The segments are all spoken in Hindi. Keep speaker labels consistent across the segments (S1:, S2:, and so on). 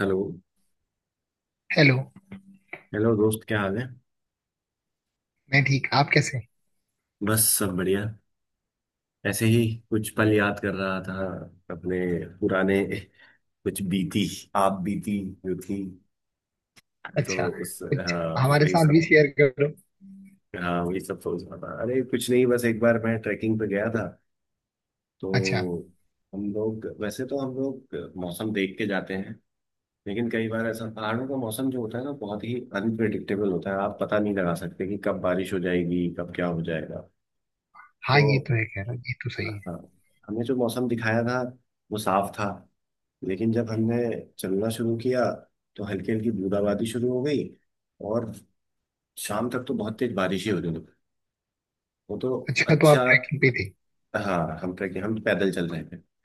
S1: हेलो।
S2: हेलो।
S1: हेलो दोस्त, क्या हाल है?
S2: मैं ठीक। आप कैसे हैं?
S1: बस सब बढ़िया। ऐसे ही कुछ पल याद कर रहा था, अपने पुराने, कुछ बीती, आप बीती जो थी।
S2: अच्छा,
S1: तो उस
S2: कुछ
S1: हाँ,
S2: हमारे
S1: वही
S2: साथ
S1: सब।
S2: भी शेयर करो।
S1: सोच रहा था, अरे कुछ नहीं, बस एक बार मैं ट्रैकिंग पे गया था।
S2: अच्छा।
S1: तो हम लोग मौसम देख के जाते हैं, लेकिन कई बार ऐसा पहाड़ों का मौसम जो होता है ना, बहुत ही अनप्रिडिक्टेबल होता है। आप पता नहीं लगा सकते कि कब बारिश हो जाएगी, कब क्या हो जाएगा। तो
S2: हाँ, ये तो है, कह रहा, ये तो सही है।
S1: हाँ, हमें जो मौसम दिखाया था वो साफ था, लेकिन जब हमने चलना शुरू किया तो हल्की हल्की बूंदाबांदी शुरू हो गई, और शाम तक तो बहुत तेज बारिश ही होने लगी। वो तो
S2: अच्छा, तो
S1: अच्छा,
S2: आप ट्रैकिंग पे थे।
S1: हाँ, हम पैदल चल रहे थे। वो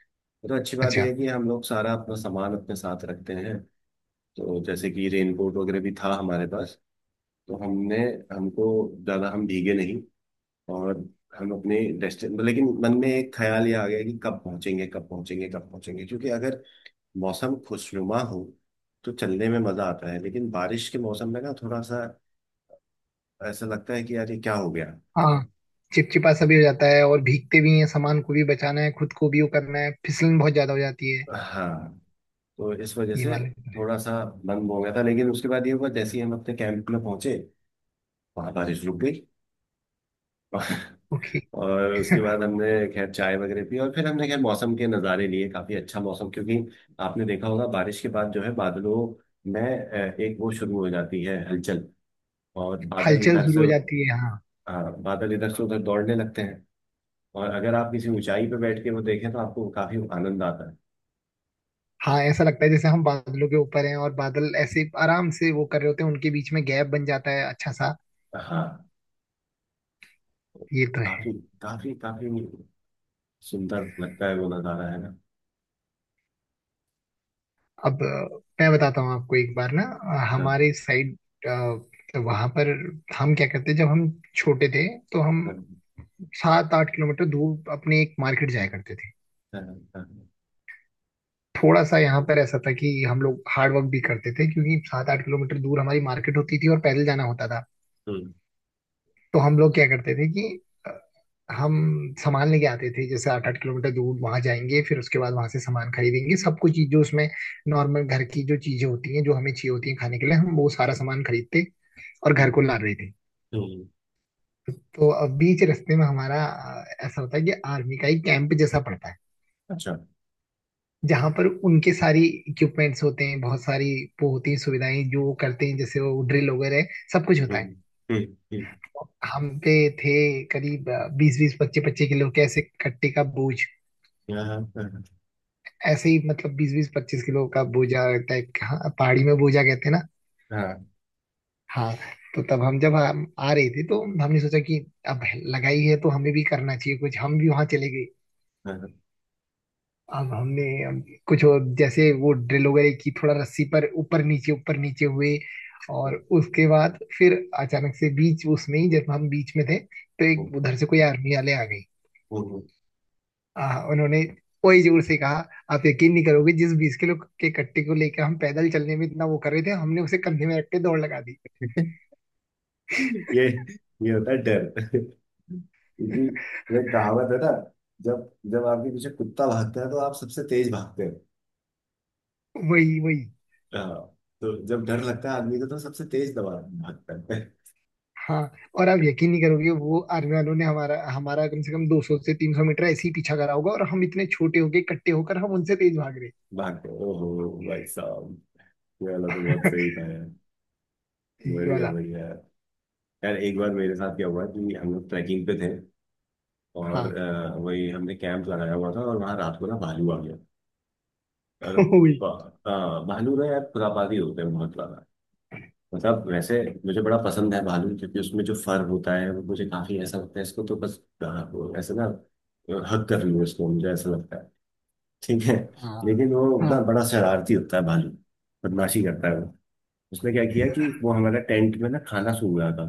S1: तो अच्छी बात यह
S2: अच्छा।
S1: है कि हम लोग सारा अपना सामान अपने साथ रखते हैं। तो जैसे कि रेनकोट वगैरह भी था हमारे पास। तो हमने हमको ज़्यादा हम भीगे नहीं, और हम अपने डेस्टिन... लेकिन मन में एक ख्याल ये आ गया कि कब पहुंचेंगे, कब पहुंचेंगे, कब पहुंचेंगे, क्योंकि अगर मौसम खुशनुमा हो तो चलने में मजा आता है, लेकिन बारिश के मौसम में ना थोड़ा सा ऐसा लगता है कि यार ये क्या हो गया।
S2: हाँ, चिपचिपा सा भी हो जाता है और भीगते भी हैं, सामान को भी बचाना है, खुद को भी वो करना है, फिसलन बहुत ज्यादा हो जाती है।
S1: हाँ, तो इस वजह
S2: ये
S1: से
S2: वाले तो है।
S1: थोड़ा सा बंद हो गया था, लेकिन उसके बाद ये हुआ जैसे ही हम अपने कैंप में पहुंचे, वहां बारिश रुक गई।
S2: ओके।
S1: और उसके बाद हमने खैर चाय वगैरह पी, और फिर हमने खैर मौसम के नज़ारे लिए, काफी अच्छा मौसम, क्योंकि आपने देखा होगा बारिश के बाद जो है बादलों में एक वो शुरू हो जाती है हलचल, और बादल
S2: हलचल
S1: इधर
S2: शुरू
S1: से...
S2: हो जाती है, हाँ।
S1: हाँ, बादल इधर से उधर दौड़ने लगते हैं, और अगर आप किसी ऊंचाई पे बैठ के वो देखें तो आपको काफी आनंद आता है।
S2: हाँ, ऐसा लगता है जैसे हम बादलों के ऊपर हैं और बादल ऐसे आराम से वो कर रहे होते हैं, उनके बीच में गैप बन जाता है अच्छा सा।
S1: हाँ,
S2: ये तो है।
S1: काफी, काफी काफी सुंदर लगता है वो नजारा, है ना?
S2: अब मैं बताता हूँ आपको, एक बार ना
S1: हाँ,
S2: हमारे साइड वहां पर। हम क्या करते जब हम छोटे थे, तो हम
S1: हाँ,
S2: 7 8 किलोमीटर दूर अपने एक मार्केट जाया करते थे।
S1: हाँ। हाँ।
S2: थोड़ा सा यहाँ पर ऐसा था कि हम लोग हार्ड वर्क भी करते थे, क्योंकि 7 8 किलोमीटर दूर हमारी मार्केट होती थी और पैदल जाना होता था।
S1: हम्म।
S2: तो हम लोग क्या करते थे कि अ, हम सामान लेके आते थे, जैसे 8 8 किलोमीटर दूर वहां जाएंगे, फिर उसके बाद वहां से सामान खरीदेंगे, सब कुछ चीज जो उसमें नॉर्मल घर की जो चीजें होती हैं जो हमें चाहिए होती हैं खाने के लिए, हम वो सारा सामान खरीदते और घर को
S1: हम्म।
S2: ला रहे थे।
S1: हम्म।
S2: तो अब बीच रास्ते में हमारा ऐसा होता है कि आर्मी का एक कैंप जैसा पड़ता है,
S1: अच्छा।
S2: जहाँ पर उनके सारी इक्विपमेंट्स होते हैं, बहुत सारी वो होती हैं सुविधाएं जो वो करते हैं, जैसे वो ड्रिल वगैरह सब कुछ होता
S1: हम्म।
S2: है।
S1: हम्म। हम्म।
S2: हम पे थे करीब 20 20 25 25 किलो के ऐसे कट्टे का बोझ।
S1: हाँ, हाँ, हाँ।
S2: ऐसे ही, मतलब 20 20 25 किलो का बोझा टाइप का। हाँ, पहाड़ी में बोझा कहते हैं ना।
S1: हाँ।
S2: हाँ। तो तब हम, जब हम आ रहे थे तो हमने सोचा कि अब लगाई है तो हमें भी करना चाहिए कुछ, हम भी वहां चले गए। अब हमने अब कुछ और जैसे वो ड्रिल वगैरह की, थोड़ा रस्सी पर ऊपर नीचे हुए, और
S1: हम्म।
S2: उसके बाद फिर अचानक से बीच उसमें ही, जब हम बीच में थे तो
S1: हम्म।
S2: एक उधर से कोई आर्मी वाले आ गए,
S1: हम्म।
S2: हाँ। उन्होंने वही जोर से कहा। आप यकीन नहीं करोगे, जिस 20 किलो के कट्टे को लेकर हम पैदल चलने में इतना वो कर रहे थे, हमने उसे कंधे में रख के दौड़ लगा दी।
S1: ये... ये होता है डर। क्योंकि वो एक कहावत है ना, जब जब आपके पीछे कुत्ता भागता है तो आप सबसे तेज भागते।
S2: वही वही,
S1: हाँ, तो जब डर लगता है आदमी को तो सबसे तेज दवा भागता है।
S2: हाँ। और आप यकीन नहीं करोगे, वो आर्मी वालों ने हमारा हमारा कम से कम 200 से 300 मीटर ऐसे ही पीछा करा होगा, और हम इतने छोटे होके इकट्ठे होकर हम उनसे तेज भाग
S1: भागते हैं। ओहो भाई साहब, ये वाला तो बहुत सही
S2: रहे।
S1: था यार।
S2: ये
S1: बढ़िया,
S2: वाला।
S1: बढ़िया। यार एक बार मेरे साथ क्या हुआ कि हम लोग ट्रैकिंग पे थे, और
S2: हाँ।
S1: वही हमने कैंप लगाया हुआ था, और वहाँ रात को ना भालू आ गया। और
S2: वही।
S1: भालू ना यार खुरापाती होते हैं बहुत ज्यादा। मतलब वैसे मुझे बड़ा पसंद है भालू, क्योंकि उसमें जो फर होता है वो मुझे काफी ऐसा लगता है इसको तो बस अ, वो ऐसे ना हक कर लूँ इसको, मुझे ऐसा लगता है। ठीक है।
S2: हाँ,
S1: लेकिन वो
S2: हाँ,
S1: ना बड़ा शरारती होता है भालू, बदमाशी करता है वो। उसने क्या किया कि वो हमारा टेंट में ना खाना सूंघ रहा था।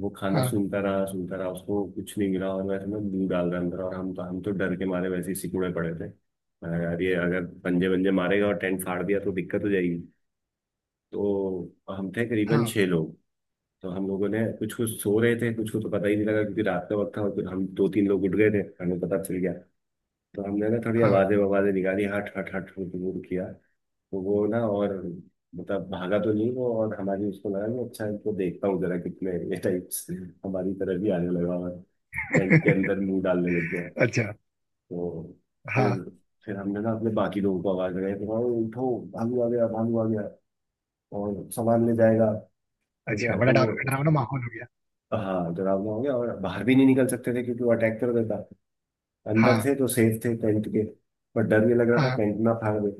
S1: वो खाना
S2: हाँ,
S1: सूंघता रहा, सूंघता रहा, उसको कुछ नहीं मिला, और वैसे में मुंह डाल रहा अंदर, और हम तो डर के मारे वैसे ही सिकुड़े पड़े थे। मैंने कहा, यार ये अगर पंजे पंजे मारेगा और टेंट फाड़ दिया तो दिक्कत हो जाएगी। तो हम थे करीबन
S2: हाँ,
S1: छह लोग। तो हम लोगों ने, कुछ कुछ सो रहे थे, कुछ को तो पता ही नहीं लगा क्योंकि रात का वक्त था, और फिर हम दो तीन लोग उठ गए थे। हमें पता चल गया। तो हमने ना थोड़ी
S2: हाँ।
S1: आवाजें आवाजें निकाली, हट हट हट हट हट किया। तो वो ना, और मतलब भागा तो नहीं वो, और हमारी उसको लगा कि अच्छा इनको देखता हूँ जरा कितने ये टाइप्स। हमारी तरफ भी आने लगा, और टेंट के अंदर मुंह डालने लग गया।
S2: अच्छा।
S1: तो फिर...
S2: हाँ।
S1: हमने ना अपने बाकी लोगों को आवाज लगाई तो भाई उठो, भालू आ गया, भालू आ गया, और सामान ले जाएगा। ठीक
S2: अच्छा,
S1: है
S2: बड़ा
S1: तो वो...
S2: डरावना माहौल हो गया।
S1: हाँ, डरावना हो गया, और बाहर भी नहीं निकल सकते थे क्योंकि वो अटैक कर देता। अंदर
S2: हाँ,
S1: थे तो सेफ थे टेंट के, पर डर भी लग रहा था
S2: हाँ,
S1: टेंट ना फाड़ दे।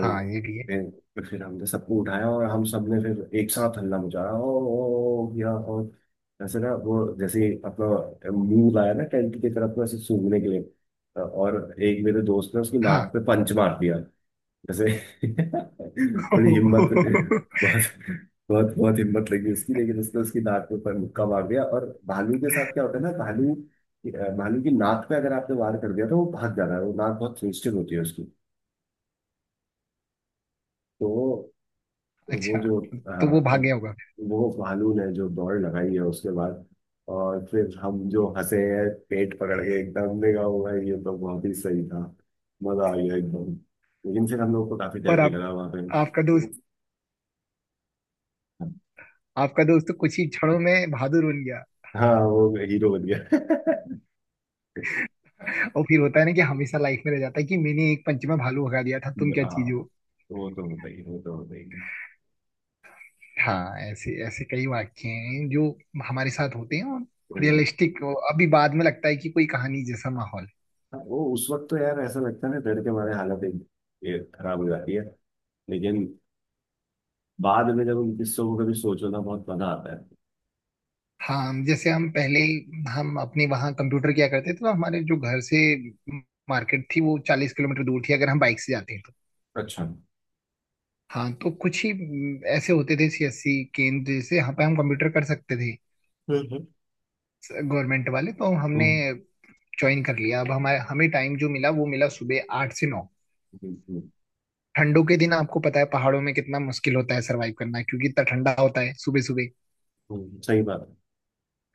S2: हाँ, ये भी है,
S1: फिर... हमने सबको उठाया, और हम सब ने फिर एक साथ हल्ला मचाया, ओ ओ या। और ऐसे ना वो जैसे ही अपना मुंह लाया ना टेंट की तरफ में ऐसे सूंघने के लिए, और एक मेरे दोस्त ने उसकी नाक
S2: हाँ।
S1: पे पंच मार दिया, जैसे... बड़ी हिम्मत, बहुत बहुत बहुत हिम्मत लगी उसकी, लेकिन उसने उसकी नाक पे पर मुक्का मार दिया। और भालू के साथ क्या होता है ना, भालू... भालू की नाक पे अगर आपने वार कर दिया तो वो भाग जाता है, वो नाक बहुत सेंसिटिव होती है उसकी। तो वो
S2: अच्छा,
S1: जो
S2: तो वो
S1: हाँ, तो
S2: भाग गया होगा।
S1: वो भालू ने जो दौड़ लगाई है उसके बाद, और फिर हम जो हंसे हैं पेट पकड़ के, एकदम देखा हुआ है, ये तो बहुत ही सही था, मजा आ गया एकदम। लेकिन फिर हम लोग को काफी डर
S2: और
S1: भी
S2: आप
S1: लगा वहां पे।
S2: आपका दोस्त आपका दोस्त तो कुछ ही क्षणों में बहादुर बन गया।
S1: हाँ, वो हीरो बन गया।
S2: और फिर होता है ना कि हमेशा लाइफ में रह जाता है कि मैंने एक पंच में भालू भगा दिया था, तुम क्या
S1: हाँ,
S2: चीज हो।
S1: वो तो होता ही है।
S2: हाँ, ऐसे ऐसे कई वाक्य हैं जो हमारे साथ होते हैं, और
S1: हम्म।
S2: रियलिस्टिक अभी बाद में लगता है कि कोई कहानी जैसा माहौल है।
S1: हाँ, वो उस वक्त तो यार ऐसा लगता है ना डर के मारे हालत एक खराब हो जाती है, लेकिन बाद में जब उन किस्सों को कभी सोचो ना बहुत मजा आता है।
S2: हाँ, जैसे हम पहले, हम अपने वहाँ कंप्यूटर किया करते थे, तो हमारे जो घर से मार्केट थी वो 40 किलोमीटर दूर थी अगर हम बाइक से जाते।
S1: अच्छा।
S2: हाँ, तो कुछ ही ऐसे होते थे सीएससी केंद्र जैसे यहाँ पे हम कंप्यूटर कर सकते थे। गवर्नमेंट वाले तो हमने
S1: हम्म।
S2: ज्वाइन कर लिया। अब हमारे हमें टाइम जो मिला वो मिला सुबह 8 से 9।
S1: बिल्कुल।
S2: ठंडों के दिन आपको पता है पहाड़ों में कितना मुश्किल होता है सरवाइव करना, क्योंकि इतना ठंडा होता है सुबह सुबह।
S1: हम्म। सही बात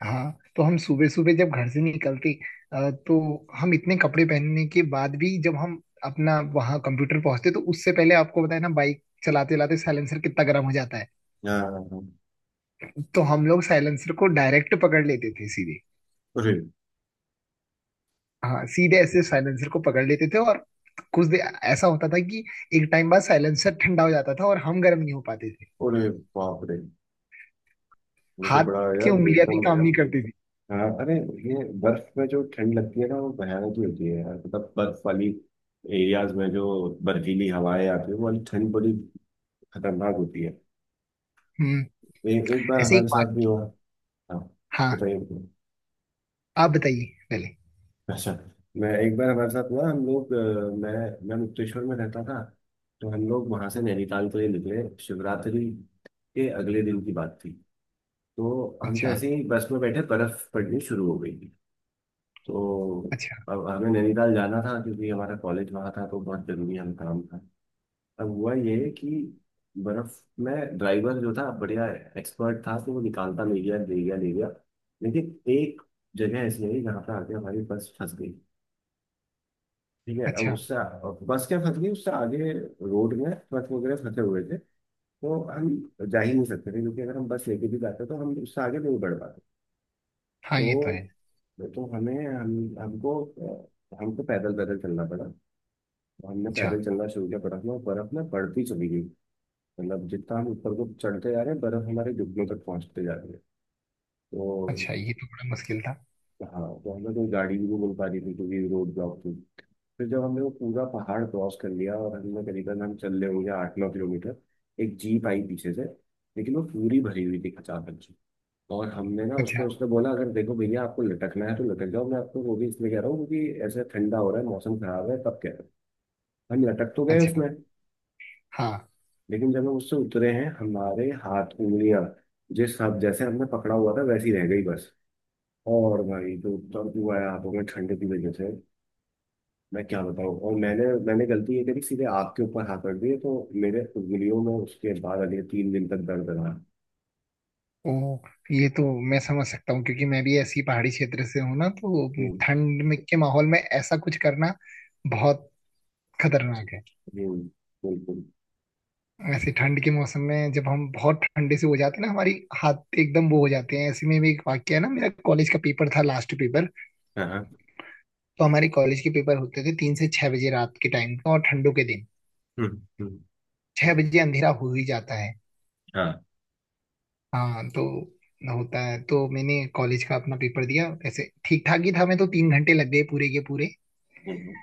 S2: हाँ, तो हम सुबह सुबह जब घर से निकलते तो हम इतने कपड़े पहनने के बाद भी जब हम अपना वहाँ कंप्यूटर पहुंचते, तो उससे पहले आपको पता है ना बाइक चलाते चलाते साइलेंसर कितना गर्म हो जाता है।
S1: है। हाँ, हाँ, हाँ।
S2: तो हम लोग साइलेंसर को डायरेक्ट पकड़ लेते थे सीधे।
S1: अरे।
S2: हाँ, सीधे ऐसे साइलेंसर को पकड़ लेते थे, और कुछ देर ऐसा होता था कि एक टाइम बाद साइलेंसर ठंडा हो जाता था और हम गर्म नहीं हो पाते थे।
S1: अरे बाप रे, वो तो
S2: हाथ
S1: बड़ा
S2: की
S1: यार
S2: उंगलियां भी
S1: एकदम...
S2: काम नहीं करती थी।
S1: हाँ। अरे, ये बर्फ में जो ठंड लगती है ना वो भयानक ही होती है यार, मतलब बर्फ वाली एरियाज में जो बर्फीली हवाएं आती है वो वाली ठंड बड़ी खतरनाक होती है।
S2: हम्म।
S1: एक बार
S2: ऐसे एक
S1: हमारे साथ भी
S2: बात।
S1: हुआ। हाँ।
S2: हाँ,
S1: बताइए, बताइए।
S2: आप बताइए पहले।
S1: अच्छा मैं, एक बार हमारे साथ हुआ, हम लोग मैं मुक्तेश्वर में रहता था। तो हम लोग वहां से नैनीताल के लिए निकले, शिवरात्रि के अगले दिन की बात थी। तो हम तो
S2: अच्छा।
S1: ऐसे ही बस में बैठे, बर्फ पड़नी शुरू हो गई थी। तो
S2: अच्छा।
S1: अब हमें नैनीताल जाना था क्योंकि हमारा कॉलेज वहाँ था, तो बहुत जरूरी हम काम था। अब हुआ ये कि बर्फ में ड्राइवर जो था बढ़िया एक्सपर्ट था, तो वो निकालता ले गया, ले गया, ले गया। लेकिन एक जगह ऐसी आई जहाँ पर आके हमारी बस फंस गई। ठीक है, अब
S2: अच्छा।
S1: उससे... बस क्या फंस गई, उससे आगे रोड में ट्रक वगैरह फंसे हुए थे। तो हम जा ही नहीं सकते थे क्योंकि अगर हम बस लेके भी जाते तो हम उससे आगे नहीं बढ़ पाते।
S2: हाँ, ये तो
S1: तो
S2: है।
S1: तो हमें हम हमको हमको पैदल पैदल चलना पड़ा। तो हमने
S2: अच्छा।
S1: पैदल चलना शुरू किया बर्फ में, और बर्फ में बढ़ती चली गई। मतलब जितना हम ऊपर को चढ़ते जा रहे हैं बर्फ हमारे घुटनों तक पहुंचते जा रही है। तो
S2: अच्छा, ये तो बड़ा मुश्किल था।
S1: हाँ, तो हमें कोई गाड़ी भी नहीं मिल पा रही थी क्योंकि रोड ब्लॉक थी। फिर जब हमने वो पूरा पहाड़ क्रॉस कर लिया, और हमने करीबन हम चल रहे होंगे 8-9 किलोमीटर, एक जीप आई पीछे से, लेकिन वो पूरी भरी हुई थी अचानक। और हमने ना उसको,
S2: अच्छा।
S1: उसने बोला अगर देखो भैया आपको लटकना है तो लटक जाओ, मैं आपको वो भी इसलिए कह रहा हूँ क्योंकि ऐसे ठंडा हो रहा है मौसम खराब है तब कह रहा हूँ। हम लटक तो गए
S2: अच्छा।
S1: उसमें,
S2: हाँ।
S1: लेकिन जब हम उससे उतरे हैं हमारे हाथ, उंगलियां जिस हम जैसे हमने पकड़ा हुआ था वैसी रह गई बस, और भाई तो दर्द हुआ है हाथों में ठंड की वजह से, मैं क्या बताऊँ। और मैंने मैंने गलती ये करी सीधे आग के ऊपर हाथ रख दिए, तो मेरे उंगलियों में उसके बाद अगले 3 दिन तक दर्द रहा।
S2: ओ, ये तो मैं समझ सकता हूँ क्योंकि मैं भी ऐसी पहाड़ी क्षेत्र से हूँ ना, तो
S1: हम्म।
S2: ठंड में के माहौल में ऐसा कुछ करना बहुत खतरनाक है।
S1: हम्म। बिल्कुल।
S2: ऐसे ठंड के मौसम में जब हम बहुत ठंडे से हो जाते हैं ना, हमारी हाथ एकदम वो हो जाते हैं। ऐसे में भी एक वाक्य है ना, मेरा कॉलेज का पेपर था, लास्ट पेपर।
S1: हाँ। हाँ।
S2: तो हमारे कॉलेज के पेपर होते थे 3 से 6 बजे, रात के टाइम का, और ठंडों के दिन
S1: हम्म। हम्म।
S2: 6 बजे अंधेरा हो ही जाता है।
S1: हाँ।
S2: हाँ, तो होता है। तो मैंने कॉलेज का अपना पेपर दिया, ऐसे ठीक ठाक ही था मैं, तो 3 घंटे लग गए पूरे के पूरे।
S1: हम्म।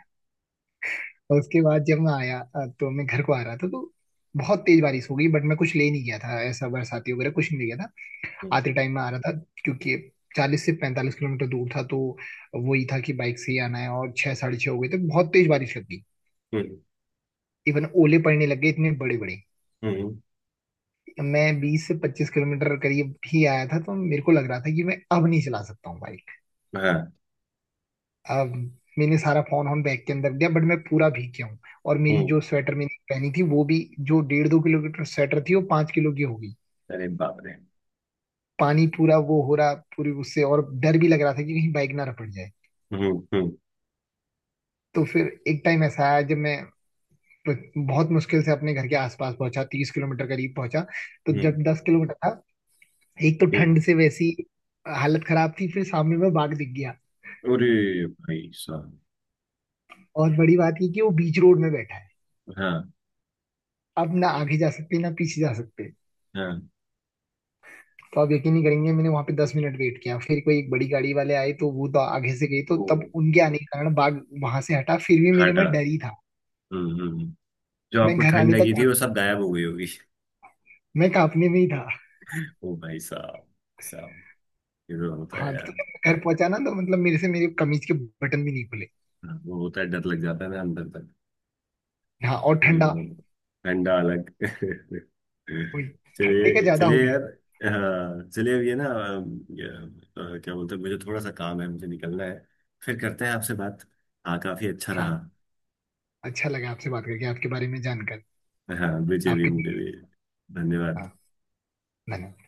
S2: और उसके बाद जब मैं आया तो मैं घर को आ रहा था, तो बहुत तेज बारिश हो गई, बट मैं कुछ ले नहीं गया था, ऐसा बरसाती वगैरह कुछ नहीं ले गया था।
S1: हम्म।
S2: आते टाइम में आ रहा था, क्योंकि 40 से 45 किलोमीटर दूर था, तो वही था कि बाइक से ही आना है, और 6 साढ़े 6 हो गए थे, बहुत तेज बारिश लग गई।
S1: हम्म।
S2: इवन ओले पड़ने लग गए इतने बड़े बड़े।
S1: हम्म।
S2: मैं 20 से 25 किलोमीटर करीब ही आया था, तो मेरे को लग रहा था कि मैं अब नहीं चला सकता हूँ बाइक।
S1: हाँ।
S2: अब मैंने सारा फोन ऑन बैग के अंदर दिया, बट मैं पूरा भीग गया हूँ, और मेरी
S1: हम्म।
S2: जो स्वेटर मैंने पहनी थी वो भी, जो डेढ़ दो किलोमीटर स्वेटर थी वो 5 किलो की हो गई।
S1: अरे बाप रे।
S2: पानी पूरा वो हो रहा पूरी उससे, और डर भी लग रहा था कि कहीं बाइक ना रपट जाए।
S1: हम्म। हम्म।
S2: तो फिर एक टाइम ऐसा आया जब मैं बहुत मुश्किल से अपने घर के आसपास पहुंचा, 30 किलोमीटर करीब पहुंचा। तो
S1: हम्म।
S2: जब 10 किलोमीटर था, एक तो
S1: हम्म।
S2: ठंड से वैसी हालत खराब थी, फिर सामने में बाघ दिख गया।
S1: अरे भाई साहब।
S2: और बड़ी बात ये कि वो बीच रोड में बैठा है।
S1: हाँ।
S2: अब ना आगे जा सकते ना पीछे जा सकते।
S1: हाँ।
S2: तो आप यकीन नहीं करेंगे, मैंने वहां पे 10 मिनट वेट किया, फिर कोई एक बड़ी गाड़ी वाले आए तो वो तो आगे से गए, तो
S1: ओ।
S2: तब उनके आने के कारण बाघ वहां से हटा, फिर भी मेरे
S1: हाटा।
S2: में डर ही था।
S1: हम्म। हम्म। जो
S2: मैं
S1: आपको
S2: घर आने
S1: ठंड
S2: तक
S1: लगी थी वो सब गायब हो गई होगी।
S2: मैं कांपने में ही था।
S1: ओ भाई साहब, साहब, ये तो होता है
S2: हाँ, तो
S1: यार।
S2: जब मैं घर पहुंचा ना, तो मतलब मेरे से मेरे कमीज के बटन भी नहीं खुले।
S1: हाँ, वो होता है, डर लग जाता है ना अंदर तक।
S2: हाँ, और ठंडा
S1: हम्म, ठंडा अलग।
S2: हुई, ठंडी का
S1: चलिए,
S2: ज्यादा हो
S1: चलिए
S2: गया।
S1: यार। हाँ चलिए, अब ये ना क्या बोलते हैं, मुझे थोड़ा सा काम है, मुझे निकलना है। फिर करते हैं आपसे बात। हाँ काफी अच्छा रहा।
S2: हाँ, अच्छा लगा आपसे बात करके, आपके बारे में जानकर।
S1: हाँ, मुझे भी,
S2: आपके
S1: मुझे
S2: लिए।
S1: भी। धन्यवाद।
S2: हाँ। धन्यवाद।